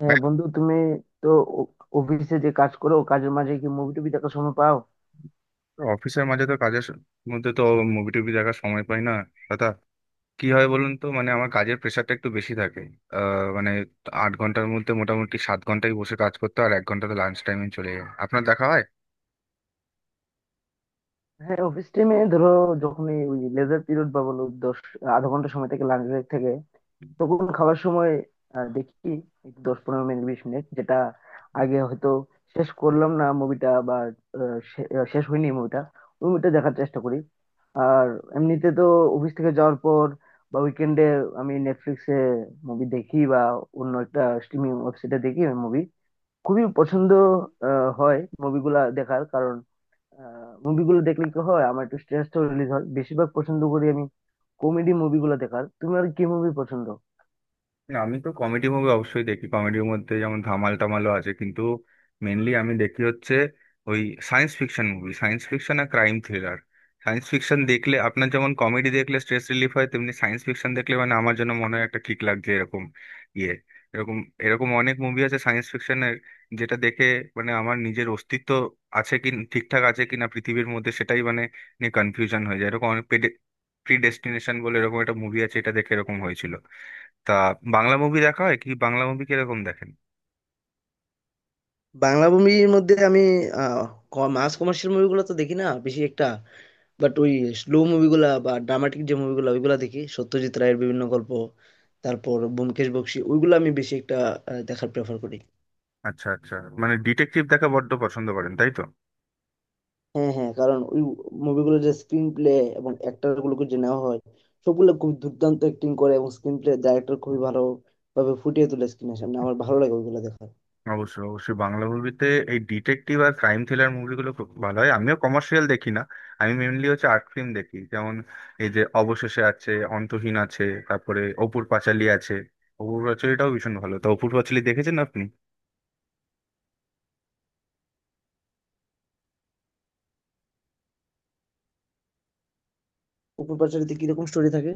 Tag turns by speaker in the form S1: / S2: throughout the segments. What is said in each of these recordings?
S1: হ্যাঁ বন্ধু, তুমি তো অফিসে যে কাজ করো, কাজের মাঝে কি মুভি টুবি দেখার সময় পাও?
S2: অফিসের মাঝে তো মধ্যে তো মুভি টুভি দেখার সময় পাই না দাদা। কি হয় বলুন তো, মানে আমার কাজের প্রেশারটা একটু বেশি থাকে। আহ, মানে আট ঘন্টার মধ্যে মোটামুটি সাত ঘন্টাই বসে কাজ করতে হয়, আর এক ঘন্টা তো লাঞ্চ টাইমে চলে যায়, আপনার দেখা হয়।
S1: হ্যাঁ, অফিস টাইমে ধরো যখন এই ওই লেজার পিরিয়ড বা বলো দশ আধা ঘন্টা সময় থেকে লাঞ্চ ব্রেক থেকে, তখন খাওয়ার সময় দেখি এই 10 15 মিনিট 20 মিনিট যেটা আগে হয়তো শেষ করলাম না মুভিটা বা শেষ হয়নি মুভিটা, ওই মুভিটা দেখার চেষ্টা করি। আর এমনিতে তো অফিস থেকে যাওয়ার পর বা উইকেন্ডে আমি নেটফ্লিক্সে মুভি দেখি বা অন্য একটা স্ট্রিমিং ওয়েবসাইটে দেখি, মুভি খুবই পছন্দ হয় মুভিগুলা দেখার কারণ। মুভিগুলো দেখলে কি হয়, আমার একটু স্ট্রেসটা রিলিজ হয়। বেশিরভাগ পছন্দ করি আমি কমেডি মুভিগুলো দেখার। তুমি আর কি মুভি পছন্দ?
S2: না আমি তো কমেডি মুভি অবশ্যই দেখি, কমেডির মধ্যে যেমন ধামাল টামালও আছে, কিন্তু মেনলি আমি দেখি হচ্ছে ওই science fiction movie. Science fiction আর ক্রাইম থ্রিলার। সায়েন্স ফিকশন দেখলে আপনার যেমন কমেডি দেখলে স্ট্রেস রিলিফ হয়, তেমনি সায়েন্স ফিকশন দেখলে মানে আমার জন্য মনে হয় একটা কিক লাগছে এরকম ইয়ে এরকম এরকম অনেক মুভি আছে সায়েন্স ফিকশনের, যেটা দেখে মানে আমার নিজের অস্তিত্ব আছে কি, ঠিকঠাক আছে কিনা পৃথিবীর মধ্যে, সেটাই মানে নিয়ে কনফিউশন হয়ে যায়। এরকম অনেক, প্রিডেস্টিনেশন বলে এরকম একটা মুভি আছে, এটা দেখে এরকম হয়েছিল। তা বাংলা মুভি দেখা হয় কি? বাংলা মুভি কিরকম দেখেন?
S1: বাংলা মুভির মধ্যে আমি আহ, মাস কমার্শিয়াল মুভিগুলো তো দেখি না বেশি একটা, বাট ওই স্লো মুভিগুলা বা ড্রামাটিক যে মুভিগুলো ওইগুলা দেখি। সত্যজিৎ রায়ের বিভিন্ন গল্প, তারপর ব্যোমকেশ বক্সী, ওইগুলো আমি বেশি একটা দেখার প্রেফার করি।
S2: আচ্ছা আচ্ছা, মানে ডিটেকটিভ দেখা বড্ড পছন্দ করেন তাই তো?
S1: হ্যাঁ, হ্যাঁ, কারণ ওই মুভিগুলোর যে স্ক্রিন প্লে এবং অ্যাক্টর গুলোকে যে নেওয়া হয়, সবগুলো খুব দুর্দান্ত অ্যাক্টিং করে এবং স্ক্রিন প্লে ডাইরেক্টর খুবই ভালো ভাবে ফুটিয়ে তোলে স্ক্রিনের সামনে, আমার ভালো লাগে ওইগুলো দেখা।
S2: অবশ্যই অবশ্যই, বাংলা মুভিতে এই ডিটেকটিভ আর ক্রাইম থ্রিলার মুভিগুলো খুব ভালো হয়। আমিও কমার্শিয়াল দেখি না, আমি মেনলি হচ্ছে আর্ট ফিল্ম দেখি, যেমন এই যে অবশেষে আছে, অন্তহীন আছে, তারপরে অপুর পাঁচালী আছে। অপুর পাঁচালীটাও ভীষণ ভালো, তো অপুর পাঁচালী দেখেছেন আপনি?
S1: উপর পার্শ্ববর্তীতে কিরকম স্টোরি থাকে?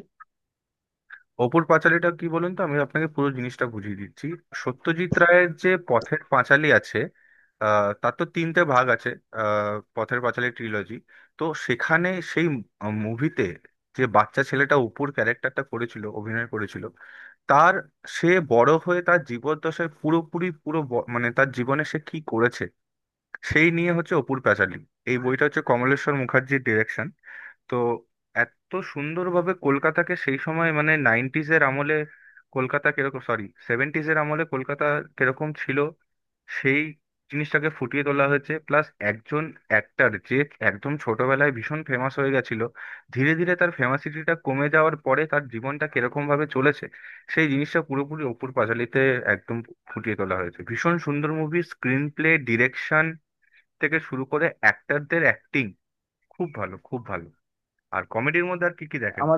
S2: অপুর পাঁচালীটা কি বলুন তো, আমি আপনাকে পুরো জিনিসটা বুঝিয়ে দিচ্ছি। সত্যজিৎ রায়ের যে পথের পাঁচালী আছে, তার তো তিনটে ভাগ আছে, পথের পাঁচালী ট্রিলজি। তো সেখানে সেই মুভিতে যে বাচ্চা ছেলেটা অপুর ক্যারেক্টারটা করেছিল, অভিনয় করেছিল, তার সে বড় হয়ে তার জীবদ্দশায় পুরোপুরি মানে তার জীবনে সে কি করেছে সেই নিয়ে হচ্ছে অপুর পাঁচালী। এই বইটা হচ্ছে কমলেশ্বর মুখার্জির ডিরেকশন। তো এত সুন্দরভাবে কলকাতাকে সেই সময় মানে নাইনটিজ এর আমলে কলকাতা কিরকম, সরি সেভেন্টিজ এর আমলে কলকাতা কিরকম ছিল সেই জিনিসটাকে ফুটিয়ে তোলা হয়েছে। প্লাস একজন অ্যাক্টর যে একদম ছোটবেলায় ভীষণ ফেমাস হয়ে গেছিল, ধীরে ধীরে তার ফেমাসিটিটা কমে যাওয়ার পরে তার জীবনটা কিরকম ভাবে চলেছে সেই জিনিসটা পুরোপুরি অপুর পাঁচালীতে একদম ফুটিয়ে তোলা হয়েছে। ভীষণ সুন্দর মুভি, স্ক্রিন প্লে, ডিরেকশন থেকে শুরু করে অ্যাক্টরদের অ্যাক্টিং খুব ভালো, খুব ভালো। আর কমেডির মধ্যে আর কি কি দেখেন?
S1: আমার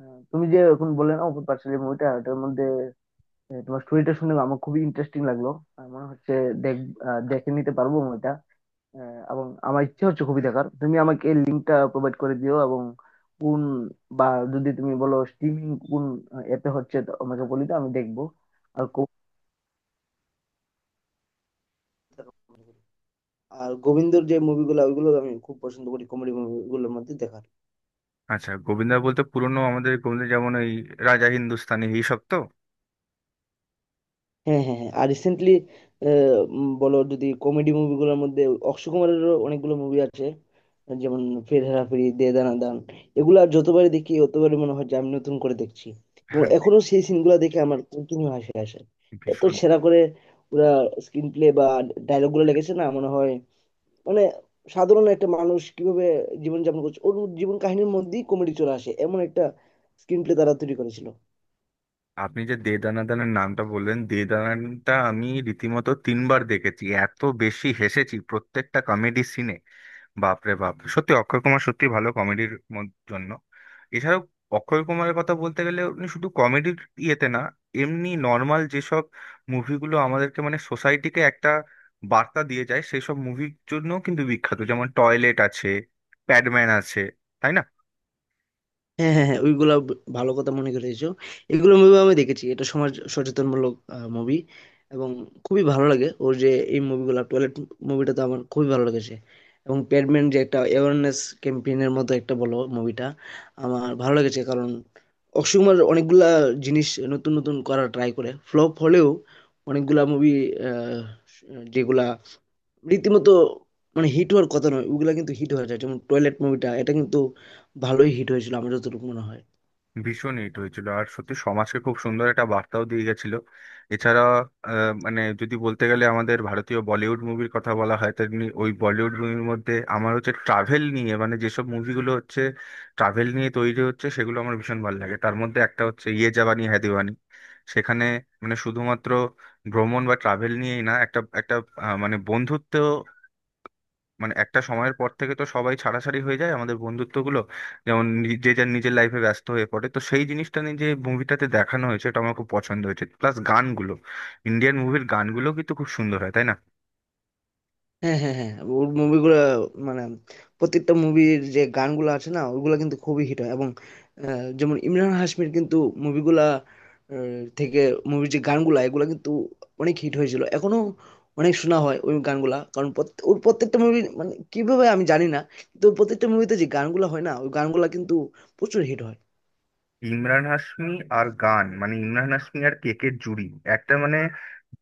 S1: তুমি যে এখন বললে না অপুর পাঁচালী মুভিটা, ওটার মধ্যে তোমার স্টোরিটা শুনে আমার খুবই ইন্টারেস্টিং লাগলো। আমার মনে হচ্ছে দেখ দেখে নিতে পারবো মুভিটা আহ, এবং আমার ইচ্ছা হচ্ছে খুবই দেখার। তুমি আমাকে লিঙ্কটা প্রোভাইড করে দিও এবং কোন বা যদি তুমি বলো স্ট্রিমিং কোন অ্যাপে হচ্ছে তো আমাকে বলে দাও, আমি দেখবো। আর কো- আর গোবিন্দর যে মুভিগুলো ওইগুলো আমি খুব পছন্দ করি কমেডি মুভিগুলোর মধ্যে দেখা।
S2: আচ্ছা, গোবিন্দা বলতে পুরনো আমাদের গোবিন্দ, যেমন ওই রাজা হিন্দুস্তানি এইসব তো?
S1: হ্যাঁ, হ্যাঁ, হ্যাঁ। আর রিসেন্টলি বলো যদি কমেডি মুভিগুলোর মধ্যে, অক্ষয় কুমারেরও অনেকগুলো মুভি আছে, যেমন ফির হেরা ফেরি, দে দানা দান। এগুলো আর যতবারই দেখি ততবারই মনে হয় যে আমি নতুন করে দেখছি, এবং এখনো সেই সিনগুলো দেখে আমার কন্টিনিউ হাসি আসে। এত
S2: ভীষণ।
S1: সেরা করে ওরা স্ক্রিন প্লে বা ডায়লগুলো লেগেছে না মনে হয়। মানে সাধারণ একটা মানুষ কিভাবে জীবনযাপন করছে, ওর জীবন কাহিনীর মধ্যেই কমেডি চলে আসে, এমন একটা স্ক্রিন প্লে তারা তৈরি করেছিল।
S2: আপনি যে দে দানাদানের নামটা বললেন, দে দানাটা আমি রীতিমতো তিনবার দেখেছি, এত বেশি হেসেছি প্রত্যেকটা কমেডি সিনে। বাপরে বাপ, সত্যি অক্ষয় কুমার সত্যি ভালো কমেডির জন্য। এছাড়াও অক্ষয় কুমারের কথা বলতে গেলে উনি শুধু কমেডির ইয়েতে না, এমনি নর্মাল যেসব মুভিগুলো আমাদেরকে মানে সোসাইটিকে একটা বার্তা দিয়ে যায় সেই সব মুভির জন্য কিন্তু বিখ্যাত, যেমন টয়লেট আছে, প্যাডম্যান আছে, তাই না?
S1: হ্যাঁ, হ্যাঁ, হ্যাঁ। ওইগুলা ভালো কথা মনে করেছো। এগুলো মুভি আমি দেখেছি, এটা সমাজ সচেতনমূলক মুভি এবং খুবই ভালো লাগে ওর যে এই মুভিগুলো। টয়লেট মুভিটা তো আমার খুবই ভালো লেগেছে এবং প্যাডম্যান যে একটা অ্যাওয়ারনেস ক্যাম্পেইনের মতো একটা, বলো মুভিটা আমার ভালো লেগেছে। কারণ অক্ষয় কুমার অনেকগুলা জিনিস নতুন নতুন করার ট্রাই করে, ফ্লপ হলেও অনেকগুলা মুভি যেগুলা রীতিমতো মানে হিট হওয়ার কথা নয় ওগুলা কিন্তু হিট হয়ে যায়, যেমন টয়লেট মুভিটা, এটা কিন্তু ভালোই হিট হয়েছিল আমার যতটুকু মনে হয়।
S2: ভীষণ হিট হয়েছিল আর সত্যি সমাজকে খুব সুন্দর একটা বার্তাও দিয়ে গেছিল। এছাড়া মানে যদি বলতে গেলে আমাদের ভারতীয় বলিউড মুভির কথা বলা হয়, তেমনি ওই বলিউড মুভির মধ্যে আমার হচ্ছে ট্রাভেল নিয়ে মানে যেসব মুভিগুলো হচ্ছে ট্রাভেল নিয়ে তৈরি হচ্ছে সেগুলো আমার ভীষণ ভালো লাগে। তার মধ্যে একটা হচ্ছে ইয়ে জাবানি হ্যায় দিওয়ানি। সেখানে মানে শুধুমাত্র ভ্রমণ বা ট্রাভেল নিয়েই না, একটা একটা মানে বন্ধুত্ব, মানে একটা সময়ের পর থেকে তো সবাই ছাড়াছাড়ি হয়ে যায় আমাদের বন্ধুত্বগুলো, যে যার নিজের লাইফে ব্যস্ত হয়ে পড়ে, তো সেই জিনিসটা নিয়ে যে মুভিটাতে দেখানো হয়েছে এটা আমার খুব পছন্দ হয়েছে। প্লাস গানগুলো, ইন্ডিয়ান মুভির গানগুলো কিন্তু খুব সুন্দর হয় তাই না?
S1: হ্যাঁ, হ্যাঁ, হ্যাঁ। ওর মুভিগুলো মানে প্রত্যেকটা মুভির যে গানগুলো আছে না, ওগুলো কিন্তু খুবই হিট হয় এবং যেমন ইমরান হাশমির কিন্তু মুভিগুলা থেকে মুভির যে গানগুলা, এগুলা কিন্তু অনেক হিট হয়েছিল, এখনো অনেক শোনা হয় ওই গানগুলা। কারণ ওর প্রত্যেকটা মুভি মানে কিভাবে আমি জানি না, কিন্তু ওর প্রত্যেকটা মুভিতে যে গানগুলা হয় না ওই গানগুলা কিন্তু প্রচুর হিট হয়।
S2: ইমরান হাশমি, আর গান মানে ইমরান হাশমি আর কেকের জুড়ি একটা, মানে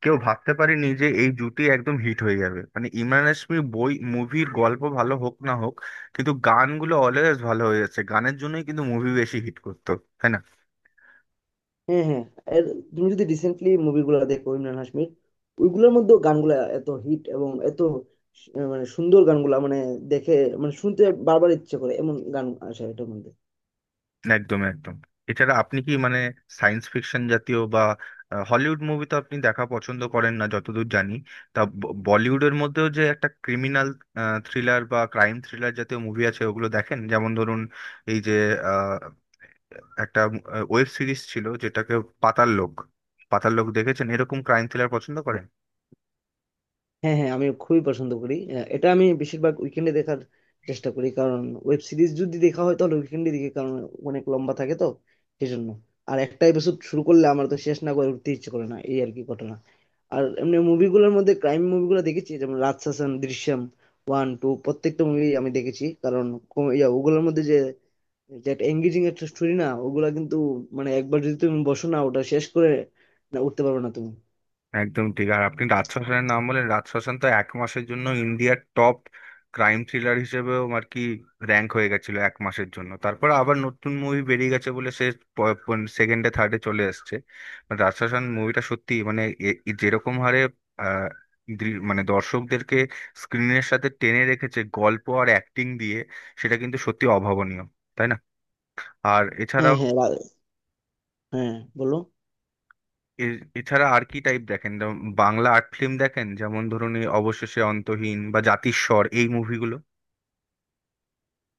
S2: কেউ ভাবতে পারেনি যে এই জুটি একদম হিট হয়ে যাবে। মানে ইমরান হাশমি বই মুভির গল্প ভালো হোক না হোক, কিন্তু গানগুলো অলওয়েজ ভালো হয়ে যাচ্ছে, গানের জন্যই কিন্তু মুভি বেশি হিট করতো, তাই না?
S1: হ্যাঁ, হ্যাঁ। এর তুমি যদি রিসেন্টলি মুভিগুলো দেখো ইমরান হাশমির, ওইগুলোর মধ্যেও গানগুলা এত হিট এবং এত মানে সুন্দর গানগুলা, মানে দেখে মানে শুনতে বারবার ইচ্ছে করে এমন গান আসে এটার মধ্যে।
S2: একদম একদম। এছাড়া আপনি কি মানে সায়েন্স ফিকশন জাতীয় বা হলিউড মুভি তো আপনি দেখা পছন্দ করেন না যতদূর জানি। বলিউডের মধ্যেও যে একটা ক্রিমিনাল থ্রিলার বা ক্রাইম থ্রিলার জাতীয় মুভি আছে ওগুলো দেখেন, যেমন ধরুন এই যে আহ, একটা ওয়েব সিরিজ ছিল যেটাকে পাতাল লোক, পাতাল লোক দেখেছেন? এরকম ক্রাইম থ্রিলার পছন্দ করেন?
S1: হ্যাঁ, হ্যাঁ, আমি খুবই পছন্দ করি। এটা আমি বেশিরভাগ উইকেন্ডে দেখার চেষ্টা করি, কারণ ওয়েব সিরিজ যদি দেখা হয় তাহলে উইকেন্ডে দেখি কারণ অনেক লম্বা থাকে তো সেজন্য। আর একটা এপিসোড শুরু করলে আমার তো শেষ না করে উঠতে ইচ্ছে করে না, এই আর কি ঘটনা। আর এমনি মুভিগুলোর মধ্যে ক্রাইম মুভিগুলো দেখেছি, যেমন রাজশাসন, দৃশ্যম ওয়ান টু, প্রত্যেকটা মুভি আমি দেখেছি। কারণ ওগুলোর মধ্যে যে যে একটা এঙ্গেজিং একটা স্টোরি না ওগুলা, কিন্তু মানে একবার যদি তুমি বসো না ওটা শেষ করে না উঠতে পারবে না তুমি।
S2: একদম ঠিক। আর আপনি রাজশাসনের নাম বলেন, রাজশাসন তো এক মাসের জন্য ইন্ডিয়ার টপ ক্রাইম থ্রিলার হিসেবেও আর কি র্যাঙ্ক হয়ে গেছিল এক মাসের জন্য, তারপর আবার নতুন মুভি বেরিয়ে গেছে বলে সেকেন্ডে থার্ডে চলে এসছে। But রাজশাসন মুভিটা সত্যি মানে এ যেরকম হারে আহ, মানে দর্শকদেরকে স্ক্রিনের সাথে টেনে রেখেছে গল্প আর অ্যাক্টিং দিয়ে, সেটা কিন্তু সত্যি অভাবনীয়, তাই না? আর
S1: হ্যাঁ,
S2: এছাড়াও
S1: হ্যাঁ, হ্যাঁ, বলো।
S2: এছাড়া আর কি টাইপ দেখেন, যেমন বাংলা আর্ট ফিল্ম দেখেন, যেমন ধরুন এই অবশেষে, অন্তহীন বা জাতিস্বর এই মুভিগুলো?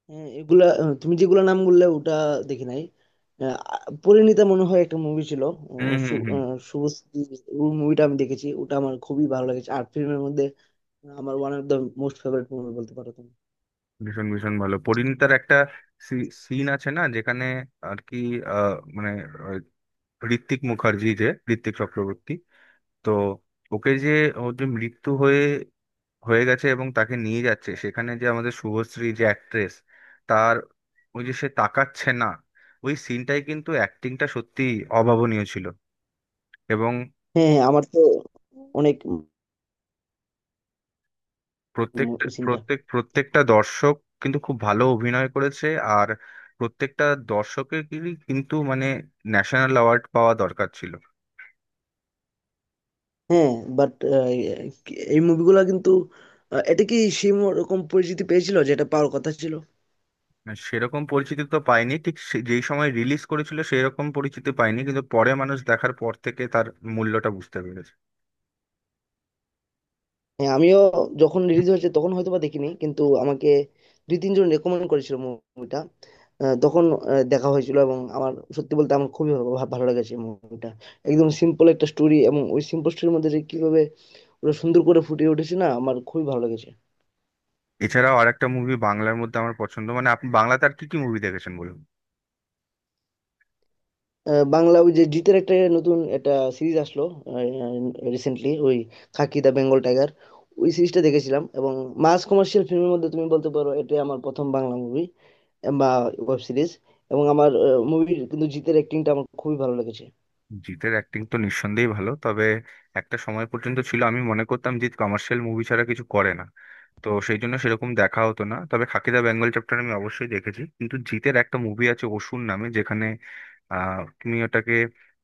S1: হ্যাঁ, এগুলা তুমি যেগুলা নাম বললে ওটা দেখি নাই। আহ, পরিণীতা মনে হয় একটা মুভি ছিল,
S2: হুম হুম হুম।
S1: শুভশ্রী। ওই মুভিটা আমি দেখেছি, ওটা আমার খুবই ভালো লেগেছে। আর ফিল্মের মধ্যে আমার one of the most favourite movie বলতে পারো তুমি।
S2: ভীষণ ভীষণ ভালো। পরিণীতার একটা সিন আছে না, যেখানে আর কি মানে আহ, ঋত্বিক মুখার্জি যে, ঋত্বিক চক্রবর্তী, তো ওকে যে ওর যে মৃত্যু হয়ে হয়ে গেছে এবং তাকে নিয়ে যাচ্ছে সেখানে যে আমাদের শুভশ্রী যে অ্যাক্ট্রেস, তার ওই যে সে তাকাচ্ছে না, ওই সিনটাই কিন্তু অ্যাক্টিংটা সত্যি অভাবনীয় ছিল। এবং
S1: হ্যাঁ হ্যাঁ, আমার তো অনেক
S2: প্রত্যেকটা
S1: সিনটা।
S2: প্রত্যেক প্রত্যেকটা দর্শক কিন্তু খুব ভালো অভিনয় করেছে, আর প্রত্যেকটা দর্শকেরই কিন্তু মানে ন্যাশনাল অ্যাওয়ার্ড পাওয়া দরকার ছিল।
S1: হ্যাঁ, বাট এই মুভিগুলা কিন্তু এটা কি সেই রকম পরিচিতি পেয়েছিল যেটা পাওয়ার কথা ছিল?
S2: মানে সেরকম পরিচিতি তো পাইনি, ঠিক যেই সময় রিলিজ করেছিল সেই রকম পরিচিতি পাইনি, কিন্তু পরে মানুষ দেখার পর থেকে তার মূল্যটা বুঝতে পেরেছে।
S1: হ্যাঁ, আমিও যখন রিলিজ হয়েছে তখন হয়তো বা দেখিনি, কিন্তু আমাকে দুই তিনজন রেকমেন্ড করেছিল মুভিটা, তখন দেখা হয়েছিল এবং আমার, সত্যি বলতে, আমার খুবই ভালো লেগেছে মুভিটা। একদম সিম্পল একটা স্টোরি এবং ওই সিম্পল স্টোরির মধ্যে যে কিভাবে ওরা সুন্দর করে ফুটিয়ে উঠেছে না, আমার খুবই ভালো লেগেছে।
S2: এছাড়াও আরেকটা মুভি বাংলার মধ্যে আমার পছন্দ, মানে আপনি বাংলাতে আর কি কি মুভি দেখেছেন বলুন।
S1: বাংলা ওই যে জিতের একটা নতুন একটা সিরিজ আসলো রিসেন্টলি, ওই খাকি দা বেঙ্গল টাইগার, ওই সিরিজটা দেখেছিলাম এবং মাস কমার্শিয়াল ফিল্মের মধ্যে তুমি বলতে পারো এটাই আমার প্রথম বাংলা মুভি বা ওয়েব সিরিজ। এবং আমার মুভির কিন্তু জিতের অ্যাক্টিংটা আমার খুবই ভালো লেগেছে।
S2: জিতের অ্যাক্টিং তো নিঃসন্দেহেই ভালো, তবে একটা সময় পর্যন্ত ছিল আমি মনে করতাম জিৎ কমার্শিয়াল মুভি ছাড়া কিছু করে না, তো সেই জন্য সেরকম দেখা হতো না। তবে খাকি দা বেঙ্গল চ্যাপ্টার আমি অবশ্যই দেখেছি, কিন্তু জিতের একটা মুভি আছে অসুর নামে, যেখানে আহ তুমি ওটাকে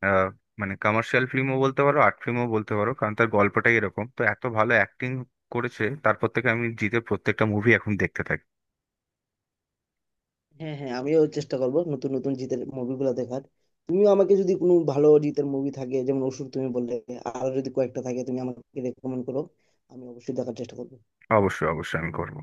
S2: আহ মানে কমার্শিয়াল ফিল্মও বলতে পারো, আর্ট ফিল্মও বলতে পারো, কারণ তার গল্পটাই এরকম, তো এত ভালো অ্যাক্টিং করেছে তারপর থেকে আমি জিতের প্রত্যেকটা মুভি এখন দেখতে থাকি।
S1: হ্যাঁ হ্যাঁ, আমিও চেষ্টা করব নতুন নতুন জিতের মুভিগুলো দেখার। তুমিও আমাকে যদি কোনো ভালো জিতের মুভি থাকে যেমন অসুর তুমি বললে, আরো যদি কয়েকটা থাকে তুমি আমাকে রেকমেন্ড করো, আমি অবশ্যই দেখার চেষ্টা করবো।
S2: অবশ্যই অবশ্যই আমি করবো।